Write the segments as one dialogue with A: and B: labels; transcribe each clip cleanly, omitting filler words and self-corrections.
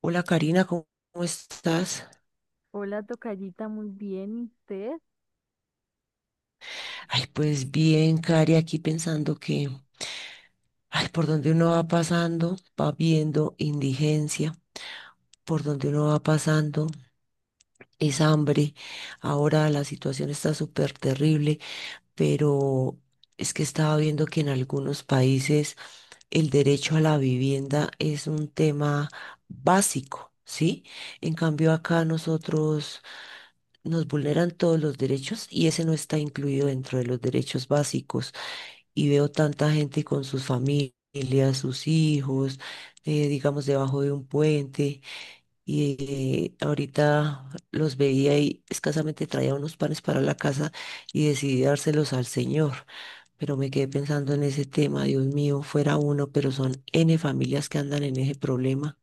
A: Hola, Karina, ¿cómo estás?
B: Hola, tocallita, muy bien, ¿y usted?
A: Ay, pues bien, Cari, aquí pensando, por donde uno va pasando, va viendo indigencia, por donde uno va pasando es hambre. Ahora la situación está súper terrible, pero es que estaba viendo que en algunos países el derecho a la vivienda es un tema básico, ¿sí? En cambio, acá nosotros nos vulneran todos los derechos y ese no está incluido dentro de los derechos básicos. Y veo tanta gente con sus familias, sus hijos, digamos, debajo de un puente. Y ahorita los veía y escasamente traía unos panes para la casa y decidí dárselos al Señor. Pero me quedé pensando en ese tema. Dios mío, fuera uno, pero son N familias que andan en ese problema.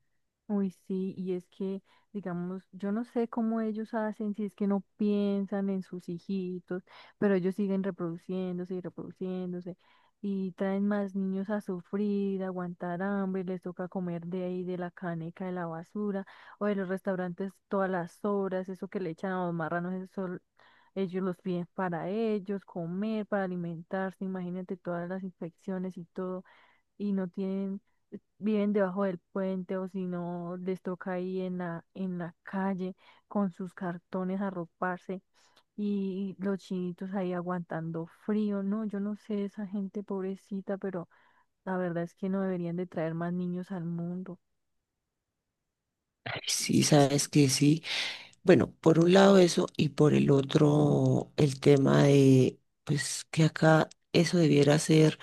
B: Uy, sí, y es que, digamos, yo no sé cómo ellos hacen, si es que no piensan en sus hijitos, pero ellos siguen reproduciéndose y reproduciéndose y traen más niños a sufrir, a aguantar hambre, les toca comer de ahí, de la caneca, de la basura o de los restaurantes todas las horas, eso que le echan a los marranos, ellos los piden para ellos, comer, para alimentarse, imagínate todas las infecciones y todo. Y no tienen, viven debajo del puente o si no les toca ahí en la calle con sus cartones arroparse y los chinitos ahí aguantando frío. No, yo no sé esa gente pobrecita, pero la verdad es que no deberían de traer más niños al mundo.
A: Ay, sí,
B: Sí, sí.
A: sabes que sí. Bueno, por un lado eso y por el otro el tema de, pues, que acá eso debiera ser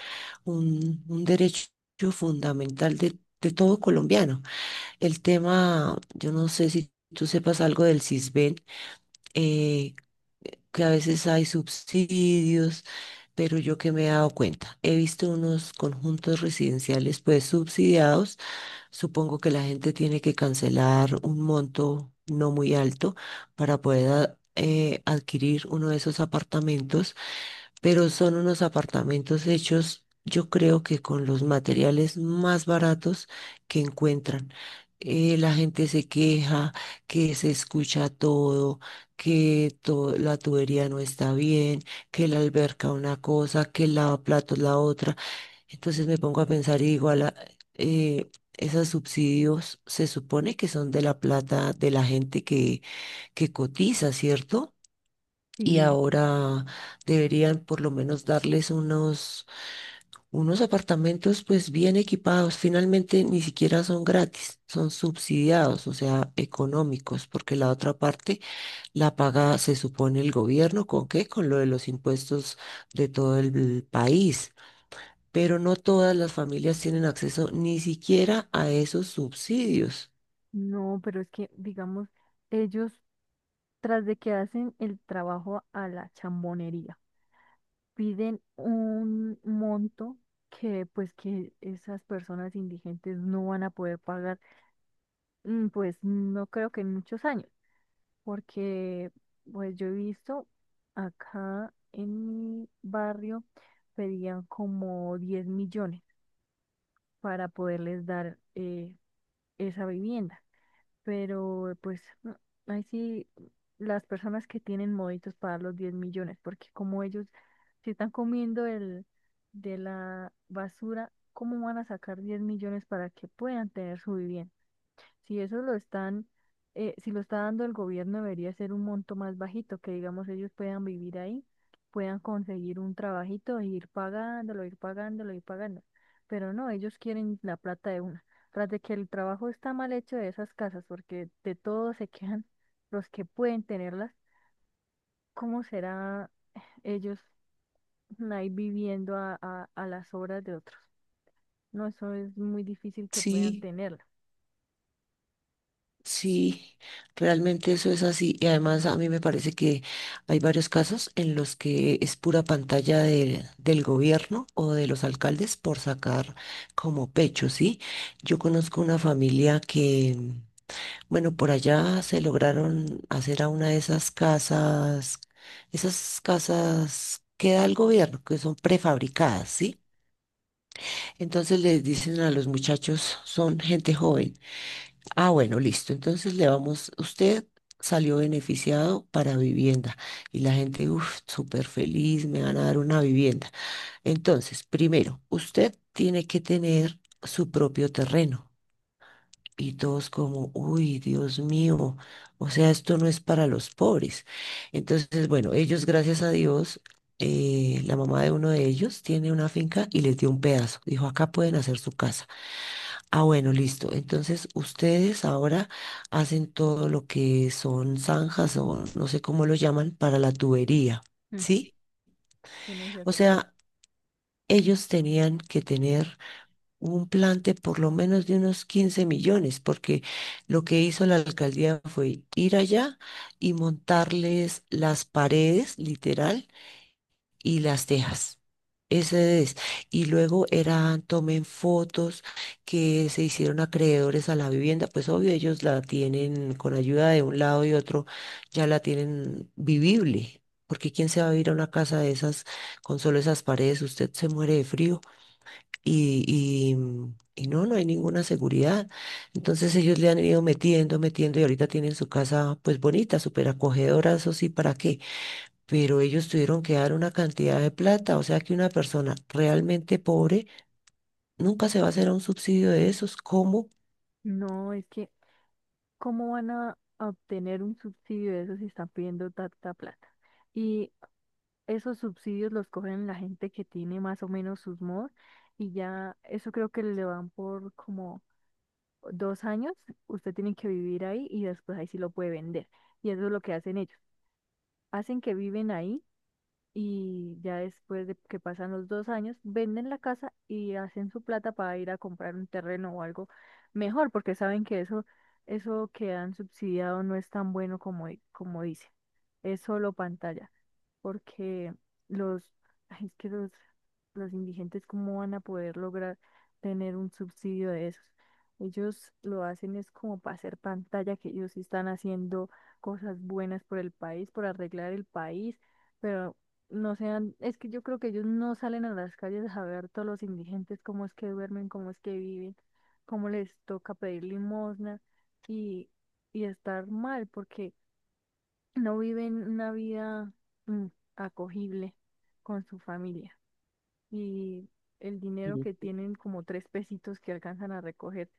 A: un derecho fundamental de todo colombiano. El tema, yo no sé si tú sepas algo del CISBEN, eh, que a veces hay subsidios, pero yo, que me he dado cuenta, he visto unos conjuntos residenciales pues subsidiados. Supongo que la gente tiene que cancelar un monto no muy alto para poder adquirir uno de esos apartamentos, pero son unos apartamentos hechos, yo creo, que con los materiales más baratos que encuentran. La gente se queja, que se escucha todo, la tubería no está bien, que la alberca una cosa, que el lavaplatos la otra. Entonces me pongo a pensar y digo, eh, esos subsidios se supone que son de la plata de la gente que cotiza, ¿cierto? Y
B: Sí,
A: ahora deberían por lo menos darles unos, unos apartamentos pues bien equipados. Finalmente ni siquiera son gratis, son subsidiados, o sea, económicos, porque la otra parte la paga, se supone, el gobierno. ¿Con qué? Con lo de los impuestos de todo el país, pero no todas las familias tienen acceso ni siquiera a esos subsidios.
B: no, pero es que, digamos, ellos, tras de que hacen el trabajo a la chambonería, piden un monto que, pues, que esas personas indigentes no van a poder pagar. Pues no creo que en muchos años, porque pues yo he visto acá en mi barrio pedían como 10 millones para poderles dar esa vivienda, pero pues ahí sí las personas que tienen moditos para los 10 millones, porque como ellos se están comiendo el de la basura, ¿cómo van a sacar 10 millones para que puedan tener su vivienda? Si eso lo están, si lo está dando el gobierno, debería ser un monto más bajito, que digamos ellos puedan vivir ahí, puedan conseguir un trabajito e ir pagándolo, ir pagándolo, ir pagando. Pero no, ellos quieren la plata de una. Tras de que el trabajo está mal hecho de esas casas, porque de todos se quedan los que pueden tenerlas, ¿cómo será ellos ahí viviendo a las obras de otros? No, eso es muy difícil que puedan
A: Sí,
B: tenerla. Sí.
A: sí, realmente eso es así. Y además, a mí me parece que hay varios casos en los que es pura pantalla del gobierno o de los alcaldes por sacar como pecho, ¿sí? Yo conozco una familia que, bueno, por allá se lograron hacer a una de esas casas que da el gobierno, que son prefabricadas, ¿sí? Entonces les dicen a los muchachos, son gente joven. Ah, bueno, listo. Entonces le vamos, usted salió beneficiado para vivienda. Y la gente, uff, súper feliz, me van a dar una vivienda. Entonces, primero, usted tiene que tener su propio terreno. Y todos como, uy, Dios mío, o sea, esto no es para los pobres. Entonces, bueno, ellos, gracias a Dios, la mamá de uno de ellos tiene una finca y les dio un pedazo. Dijo, acá pueden hacer su casa. Ah, bueno, listo. Entonces, ustedes ahora hacen todo lo que son zanjas, o no sé cómo lo llaman, para la tubería,
B: Mm,
A: ¿sí?
B: Tienen que
A: O
B: hacer todo.
A: sea, ellos tenían que tener un plante por lo menos de unos 15 millones, porque lo que hizo la alcaldía fue ir allá y montarles las paredes, literal, y las dejas. Ese es. Y luego eran, tomen fotos que se hicieron acreedores a la vivienda. Pues obvio, ellos la tienen con ayuda de un lado y otro, ya la tienen vivible. Porque quién se va a ir a una casa de esas con solo esas paredes, usted se muere de frío y, y no, no hay ninguna seguridad. Entonces ellos le han ido metiendo, metiendo, y ahorita tienen su casa pues bonita, súper acogedora, eso sí, ¿para qué? Pero ellos tuvieron que dar una cantidad de plata, o sea que una persona realmente pobre nunca se va a hacer a un subsidio de esos. ¿Cómo?
B: No, es que, ¿cómo van a obtener un subsidio de eso si están pidiendo tanta plata? Y esos subsidios los cogen la gente que tiene más o menos sus MOD y ya eso creo que le van por como 2 años, usted tiene que vivir ahí y después ahí sí lo puede vender. Y eso es lo que hacen ellos. Hacen que viven ahí y ya después de que pasan los 2 años, venden la casa y hacen su plata para ir a comprar un terreno o algo mejor, porque saben que eso que han subsidiado no es tan bueno como dice, es solo pantalla porque los, ay, es que los indigentes, ¿cómo van a poder lograr tener un subsidio de esos? Ellos lo hacen es como para hacer pantalla, que ellos sí están haciendo cosas buenas por el país, por arreglar el país, pero no sean, es que yo creo que ellos no salen a las calles a ver todos los indigentes, cómo es que duermen, cómo es que viven, cómo les toca pedir limosna y, y estar mal, porque no viven una vida mm, acogible con su familia y el dinero que
A: Ujú.
B: tienen, como tres pesitos que alcanzan a recoger,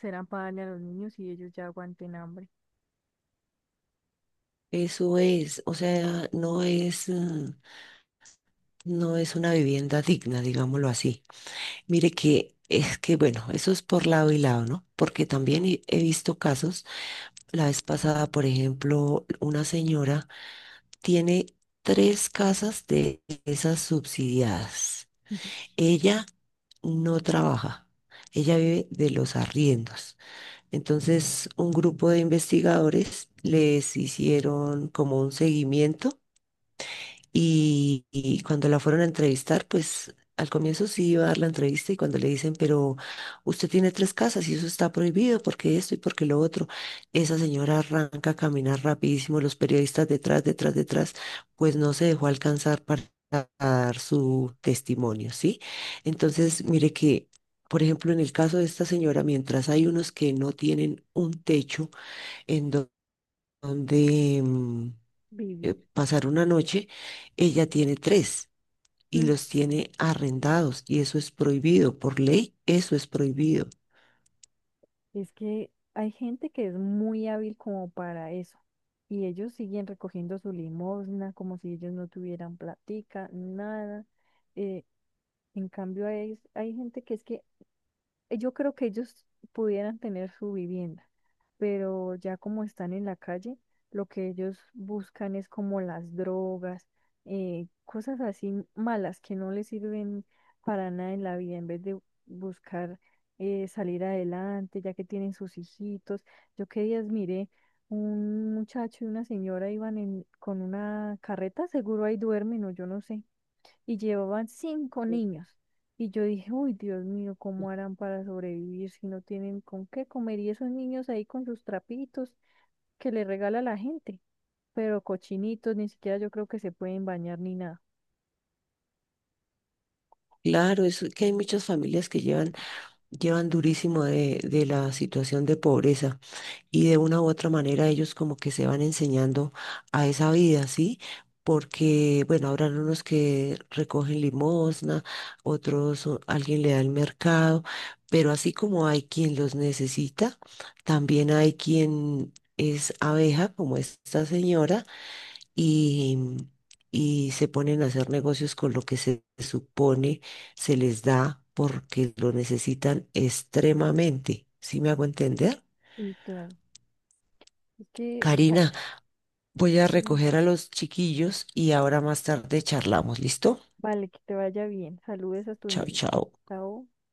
B: serán para darle a los niños y ellos ya aguanten hambre.
A: Eso es, o sea, no es, mm, no es una vivienda digna, digámoslo así. Mire que es que, bueno, eso es por lado y lado, ¿no? Porque también he visto casos. La vez pasada, por ejemplo, una señora tiene tres casas de esas subsidiadas. Ella no trabaja, ella vive de los arriendos. Entonces, un grupo de investigadores les hicieron como un seguimiento y cuando la fueron a entrevistar, pues al comienzo sí iba a dar la entrevista, y cuando le dicen, pero usted tiene tres casas y eso está prohibido porque esto y porque lo otro, esa señora arranca a caminar rapidísimo, los periodistas detrás, detrás, detrás, pues no se dejó alcanzar para dar su testimonio, ¿sí? Entonces, mire que... Por ejemplo, en el caso de esta señora, mientras hay unos que no tienen un techo en do- donde mm,
B: Vivir.
A: pasar una noche, ella tiene tres y
B: Mm,
A: los tiene arrendados, y eso es prohibido por ley, eso es prohibido.
B: Es que hay gente que es muy hábil como para eso y ellos siguen recogiendo su limosna como si ellos no tuvieran platica, nada. Eh, en cambio, hay gente que es que yo creo que ellos pudieran tener su vivienda pero ya como están en la calle, lo que ellos buscan es como las drogas, cosas así malas que no les sirven para nada en la vida, en vez de buscar salir adelante, ya que tienen sus hijitos. Yo qué días miré, un muchacho y una señora iban con una carreta, seguro ahí duermen o yo no sé y llevaban 5 niños. Y yo dije, uy, Dios mío, ¿cómo harán para sobrevivir si no tienen con qué comer? Y esos niños ahí con sus trapitos que le regala la gente, pero cochinitos, ni siquiera yo creo que se pueden bañar ni nada.
A: Claro, es que hay muchas familias que llevan, llevan durísimo de la situación de pobreza, y de una u otra manera ellos como que se van enseñando a esa vida, ¿sí? Porque, bueno, habrán unos que recogen limosna, otros alguien le da el mercado, pero así como hay quien los necesita, también hay quien es abeja, como esta señora, y, y se ponen a hacer negocios con lo que se supone se les da porque lo necesitan extremadamente. ¿Sí me hago entender?
B: Y claro, es que, bueno,
A: Karina, voy a
B: mm,
A: recoger a los chiquillos y ahora más tarde charlamos, ¿listo?
B: vale, que te vaya bien. Saludes a tus
A: Chao,
B: niños.
A: chao.
B: Chao.